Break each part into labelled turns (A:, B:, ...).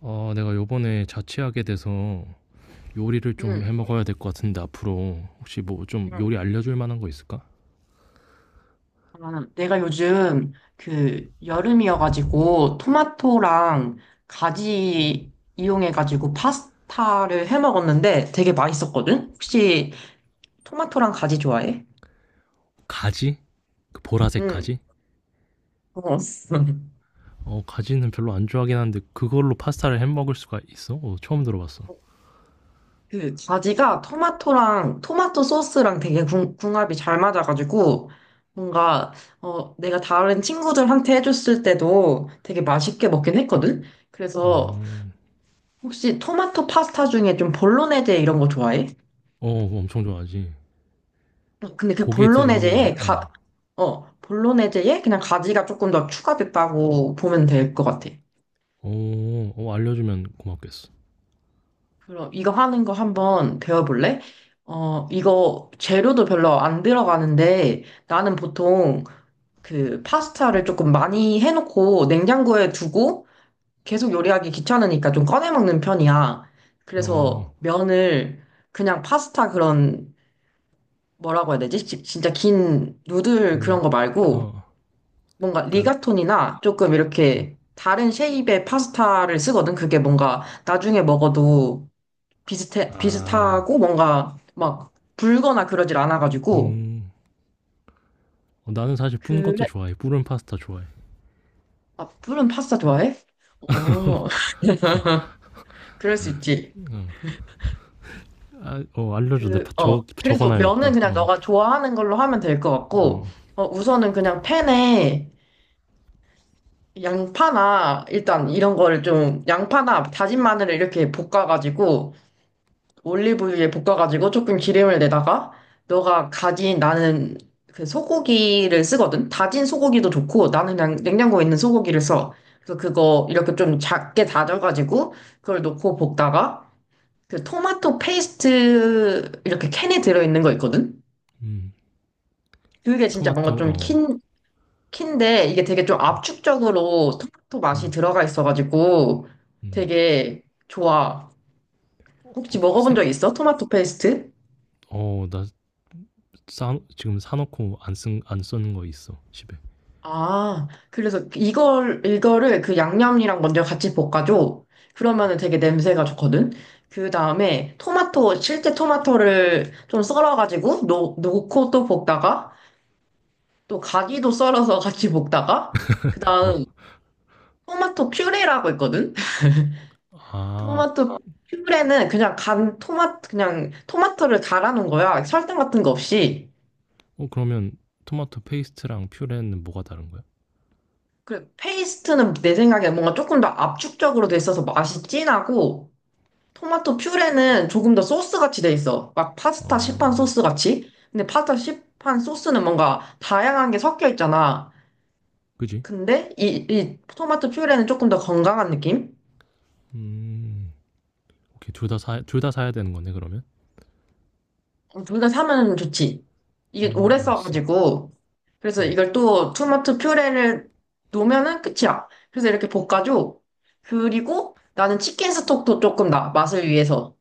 A: 내가 요번에 자취하게 돼서 요리를 좀
B: 음,
A: 해 먹어야 될 것 같은데, 앞으로 혹시 뭐 좀 요리 알려줄 만한 거 있을까?
B: 아, 내가 요즘 그 여름이어가지고 토마토랑 가지 이용해가지고 파스타를 해 먹었는데 되게 맛있었거든? 혹시 토마토랑 가지 좋아해?
A: 가지? 그 보라색
B: 응.
A: 가지?
B: 어.
A: 어, 가지는 별로 안 좋아하긴 한데 그걸로 파스타를 해 먹을 수가 있어? 어, 처음 들어봤어.
B: 그 가지가 토마토랑 토마토 소스랑 되게 궁합이 잘 맞아가지고 뭔가 내가 다른 친구들한테 해줬을 때도 되게 맛있게 먹긴 했거든?
A: 어,
B: 그래서 혹시 토마토 파스타 중에 좀 볼로네제 이런 거 좋아해?
A: 어, 엄청 좋아하지.
B: 근데 그
A: 고기 들어간 거
B: 볼로네제에
A: 아니야? 어,
B: 볼로네제에 그냥 가지가 조금 더 추가됐다고 보면 될 것 같아.
A: 어, 어, 알려주면 고맙겠어.
B: 그럼 이거 하는 거 한번 배워볼래? 이거 재료도 별로 안 들어가는데 나는 보통 그 파스타를 조금 많이 해놓고 냉장고에 두고 계속 요리하기 귀찮으니까 좀 꺼내 먹는 편이야.
A: 어,
B: 그래서 면을 그냥 파스타 그런 뭐라고 해야 되지? 진짜 긴 누들
A: 그,
B: 그런 거 말고
A: 어,
B: 뭔가
A: 그니까,
B: 리가톤이나 조금 이렇게 다른 쉐입의 파스타를 쓰거든. 그게 뭔가 나중에 먹어도 비슷해,
A: 아,
B: 비슷하고 뭔가 막 불거나 그러질 않아가지고.
A: 음, 어, 나는 사실 뿐 것도
B: 그래,
A: 좋아해. 뿌른 파스타 좋아해.
B: 아, 불은 파스타 좋아해? 어. 그럴 수 있지.
A: 응. 아, 어, 알려줘. 내가
B: 그래서 면은
A: 적어놔야겠다.
B: 그냥
A: 어.
B: 너가 좋아하는 걸로 하면 될 것 같고,
A: 음,
B: 우선은 그냥 팬에 양파나 일단 이런 거를 좀 양파나 다진 마늘을 이렇게 볶아가지고 올리브유에 볶아가지고 조금 기름을 내다가 너가 가진 나는 그 소고기를 쓰거든. 다진 소고기도 좋고 나는 그냥 냉장고에 있는 소고기를 써. 그래서 그거 이렇게 좀 작게 다져가지고 그걸 넣고 볶다가 그 토마토 페이스트 이렇게 캔에 들어있는 거 있거든.
A: 음.
B: 그게 진짜 뭔가
A: 토마토,
B: 좀
A: 어.
B: 인데 이게 되게 좀
A: 음,
B: 압축적으로 토마토 맛이
A: 음.
B: 들어가 있어가지고
A: 음.
B: 되게 좋아.
A: 어, 어,
B: 혹시
A: 그
B: 먹어본
A: 생,
B: 적 있어? 토마토 페이스트?
A: 어, 나 지금 사놓고 안 쓰는 거 있어. 집에.
B: 아, 그래서 이거를 그 양념이랑 먼저 같이 볶아줘. 그러면은 되게 냄새가 좋거든? 그 다음에 토마토, 실제 토마토를 좀 썰어가지고 놓고 또 볶다가 또 가지도 썰어서 같이 볶다가 그
A: 어.
B: 다음 토마토 퓨레라고 있거든?
A: 아,
B: 토마토 퓨브레는 그냥 간 토마토 그냥 토마토를 갈아 놓은 거야. 설탕 같은 거 없이.
A: 어, 그러면 토마토 페이스트랑 퓨레는 뭐가 다른 거야?
B: 그 페이스트는 내 생각에 뭔가 조금 더 압축적으로 돼 있어서 맛이 진하고 토마토 퓨레는 조금 더 소스 같이 돼 있어. 막 파스타 시판
A: 어,
B: 소스 같이. 근데 파스타 시판 소스는 뭔가 다양한 게 섞여 있잖아.
A: 그지?
B: 근데 이 토마토 퓨레는 조금 더 건강한 느낌?
A: 음, 오케이. 둘 다 사야 되는 거네, 그러면?
B: 어, 둘다 사면 좋지. 이게 오래
A: 알았어.
B: 써가지고. 그래서
A: 음.
B: 이걸 또 토마토 퓨레를 놓으면은 끝이야. 그래서 이렇게 볶아줘. 그리고 나는 치킨 스톡도 조금 맛을 위해서.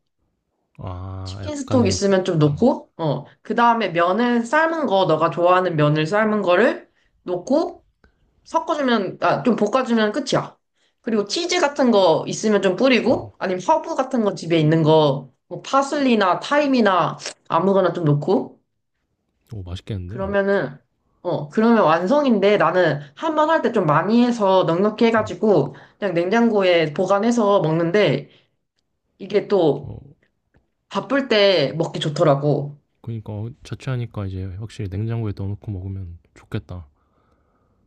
A: 아,
B: 치킨 스톡
A: 약간의,
B: 있으면 좀
A: 어,
B: 넣고, 어. 그 다음에 면을 삶은 거, 너가 좋아하는 면을 삶은 거를 넣고, 섞어주면, 아, 좀 볶아주면 끝이야. 그리고 치즈 같은 거 있으면 좀
A: 음.
B: 뿌리고, 아니면 허브 같은 거 집에 있는 거, 뭐 파슬리나 타임이나 아무거나 좀 넣고,
A: 오, 맛있겠는데? 어.
B: 그러면은, 그러면 완성인데 나는 한 번 할 때 좀 많이 해서 넉넉히
A: 음.
B: 해가지고 그냥 냉장고에 보관해서 먹는데 이게 또
A: 어,
B: 바쁠 때 먹기 좋더라고.
A: 그러니까 어, 자취하니까 이제 확실히 냉장고에 넣어놓고 먹으면 좋겠다.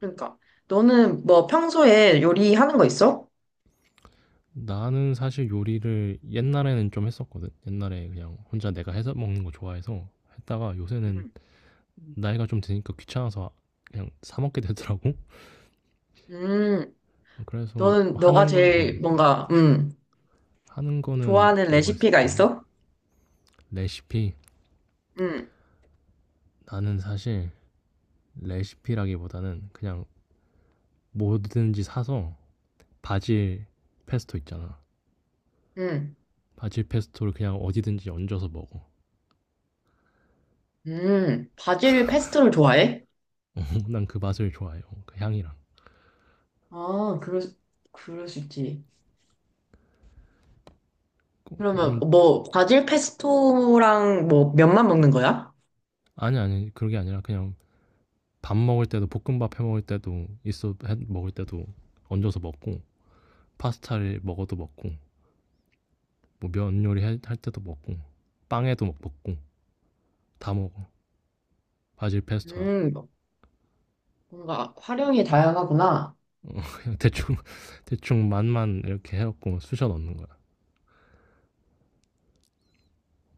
B: 그러니까 너는 뭐 평소에 요리하는 거 있어?
A: 나는 사실 요리를 옛날에는 좀 했었거든. 옛날에 그냥 혼자 내가 해서 먹는 거 좋아해서 했다가 요새는
B: 음,
A: 나이가 좀 드니까 귀찮아서 그냥 사 먹게 되더라고.
B: 음,
A: 그래서
B: 너는 너가
A: 하는 건
B: 제일 뭔가
A: 하는 거는
B: 좋아하는
A: 뭐가
B: 레시피가
A: 있을까?
B: 있어?
A: 레시피.
B: 음,
A: 나는 사실 레시피라기보다는 그냥 뭐든지 사서 바질 페스토 있잖아.
B: 음,
A: 바질 페스토를 그냥 어디든지 얹어서 먹어.
B: 바질 페스토를 좋아해?
A: 난 그 맛을 좋아해요. 그 향이랑.
B: 아, 그럴 수 있지. 그러면
A: 그,
B: 뭐 바질 페스토랑 뭐 면만 먹는 거야?
A: 아니 아니 그런 게 아니라 그냥 밥 먹을 때도, 볶음밥 해 먹을 때도 있어, 해 먹을 때도 얹어서 먹고, 파스타를 먹어도 먹고, 뭐 면 요리 할 때도 먹고, 빵에도 막 먹고, 다 먹어. 바질 페스토랑.
B: 음, 뭔가 활용이 다양하구나.
A: 그냥 대충 대충 맛만 이렇게 해갖고 쑤셔 넣는 거야.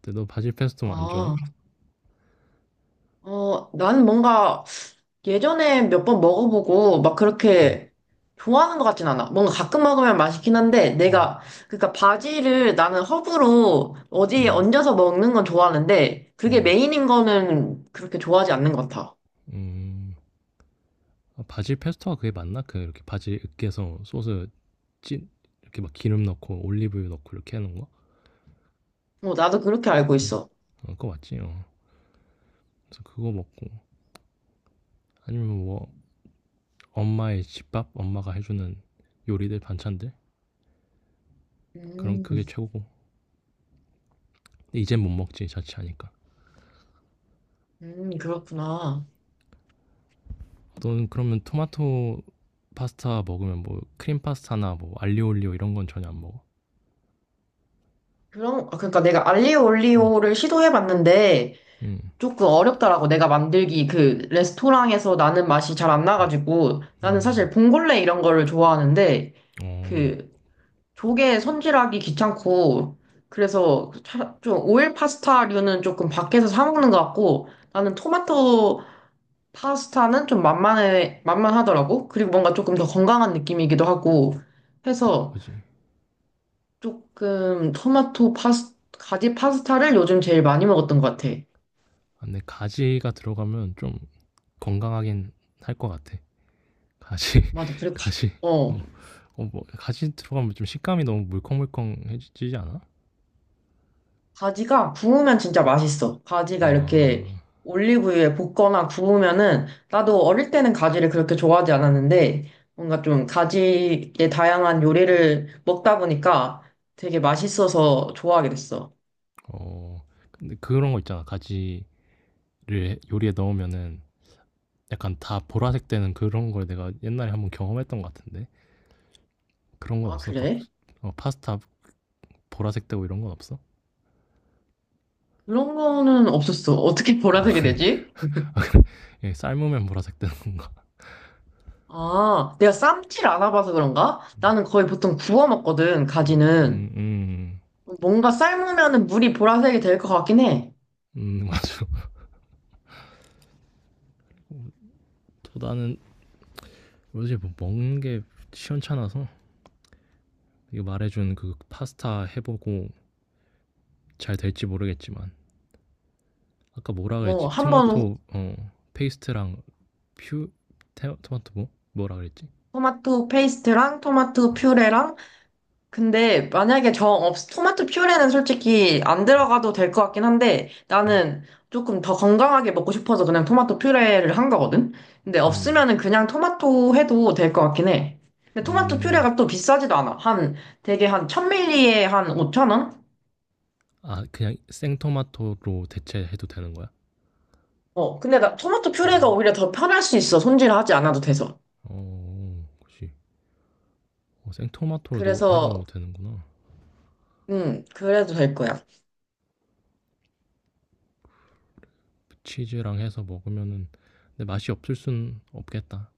A: 근데 너 바질 페스토 안
B: 아,
A: 좋아해?
B: 나는 뭔가 예전에 몇 번 먹어보고 막
A: 음,
B: 그렇게 좋아하는 것 같진 않아. 뭔가 가끔 먹으면 맛있긴 한데
A: 음,
B: 내가 그러니까 바지를 나는 허브로 어디에
A: 음,
B: 얹어서 먹는 건 좋아하는데 그게
A: 음,
B: 메인인 거는 그렇게 좋아하지 않는 것 같아.
A: 음. 아, 바질 페스토가 그게 맞나? 그 이렇게 바질 으깨서 소스 찐, 이렇게 막 기름 넣고 올리브유 넣고 이렇게 하는 거.
B: 어, 나도 그렇게 알고 있어.
A: 어, 그거 맞지. 어. 그래서 그거 먹고 아니면 뭐 엄마의 집밥, 엄마가 해주는 요리들, 반찬들, 그럼 그게
B: 음,
A: 최고고, 근데 이젠 못 먹지. 자취하니까.
B: 그렇구나.
A: 너는 그러면 토마토 파스타 먹으면 뭐 크림 파스타나 뭐 알리올리오 이런 건 전혀 안 먹어?
B: 아, 그러니까 내가 알리오
A: 응.
B: 올리오를 시도해봤는데
A: 응.
B: 조금 어렵더라고. 내가 만들기 그 레스토랑에서 나는 맛이 잘 안 나가지고 나는
A: 응.
B: 사실 봉골레 이런 거를 좋아하는데
A: 어,
B: 그 조개 손질하기 귀찮고 그래서 좀 오일 파스타류는 조금 밖에서 사 먹는 것 같고 나는 토마토 파스타는 좀 만만하더라고. 그리고 뭔가 조금 더 건강한 느낌이기도 하고 해서
A: 그지.
B: 조금 토마토 파스 가지 파스타를 요즘 제일 많이 먹었던 것 같아.
A: 아, 근데 가지가 들어가면 좀 건강하긴 할 것 같아. 가시,
B: 맞아. 그리고
A: 가시.
B: 어
A: 어, 어, 뭐 가시 들어가면 좀 식감이 너무 물컹물컹해지지 않아?
B: 가지가 구우면 진짜 맛있어. 가지가 이렇게
A: 아,
B: 올리브유에 볶거나 구우면은 나도 어릴 때는 가지를 그렇게 좋아하지 않았는데 뭔가 좀 가지의 다양한 요리를 먹다 보니까 되게 맛있어서 좋아하게 됐어.
A: 어, 근데 그런 거 있잖아. 가지를 요리에 넣으면은 약간 다 보라색 되는 그런 걸 내가 옛날에 한번 경험했던 것 같은데 그런 건
B: 아,
A: 없어? 막
B: 그래?
A: 어, 파스타 보라색 되고 이런 건 없어?
B: 그런 거는 없었어. 어떻게
A: 아,
B: 보라색이
A: 그래.
B: 되지?
A: 예, 삶으면 보라색 되는 건가?
B: 아, 내가 쌈티를 안 와봐서 그런가? 나는 거의 보통 구워 먹거든,
A: 음,
B: 가지는.
A: 음,
B: 뭔가 삶으면은 물이 보라색이 될 것 같긴 해.
A: 맞아. 토다는 요새 뭐 먹는 게 시원찮아서 이거 말해준 그 파스타 해보고 잘 될지 모르겠지만, 아까 뭐라 그랬지?
B: 어, 한번
A: 토마토 어 페이스트랑 퓨 토마토 뭐 뭐라 그랬지?
B: 토마토 페이스트랑 토마토 퓨레랑. 근데 만약에 정 토마토 퓨레는 솔직히 안 들어가도 될 것 같긴 한데 나는 조금 더 건강하게 먹고 싶어서 그냥 토마토 퓨레를 한 거거든? 근데
A: 음.
B: 없으면은 그냥 토마토 해도 될 것 같긴 해. 근데 토마토
A: 음.
B: 퓨레가 또 비싸지도 않아. 한 되게 한 1000ml에 한 5,000원?
A: 아, 그냥 생토마토로 대체해도 되는 거야?
B: 어, 근데 나 토마토 퓨레가 오히려 더 편할 수 있어. 손질하지 않아도 돼서.
A: 어, 그렇지. 어, 생토마토로도 해서
B: 그래서,
A: 되는구나.
B: 그래도 될 거야.
A: 치즈랑 해서 먹으면은, 근데 맛이 없을 순 없겠다.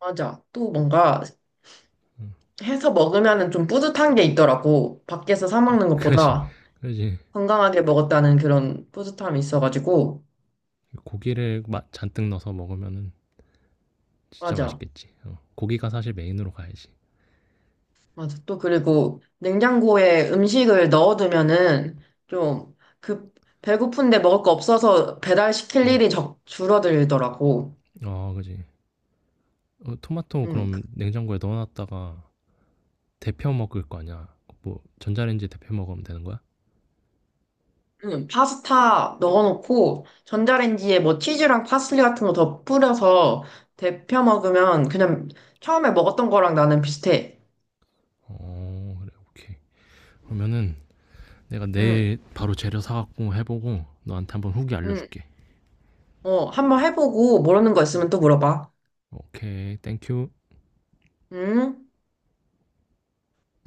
B: 맞아. 또 뭔가
A: 응.
B: 해서 먹으면은 좀 뿌듯한 게 있더라고. 밖에서 사 먹는
A: 그지,
B: 것보다
A: 그지.
B: 건강하게 먹었다는 그런 뿌듯함이 있어가지고.
A: 고기를 잔뜩 넣어서 먹으면은 진짜
B: 맞아.
A: 맛있겠지. 어. 고기가 사실 메인으로 가야지.
B: 맞아. 또 그리고 냉장고에 음식을 넣어두면은 좀 그 배고픈데 먹을 거 없어서 배달시킬 일이 줄어들더라고.
A: 어, 그지. 어, 토마토
B: 음.
A: 그럼 냉장고에 넣어 놨다가 데펴 먹을 거 아니야. 뭐 전자레인지에 데펴 먹으면 되는 거야?
B: 응, 파스타 넣어놓고 전자레인지에 뭐 치즈랑 파슬리 같은 거 더 뿌려서 데펴 먹으면 그냥 처음에 먹었던 거랑 나는 비슷해.
A: 어, 그래. 오케이. 그러면은 내가
B: 응,
A: 내일 바로 재료 사 갖고 해 보고 너한테 한번 후기 알려
B: 응.
A: 줄게.
B: 어, 한번 해보고 모르는 거 있으면 또 물어봐.
A: 오케이. 땡큐.
B: 응?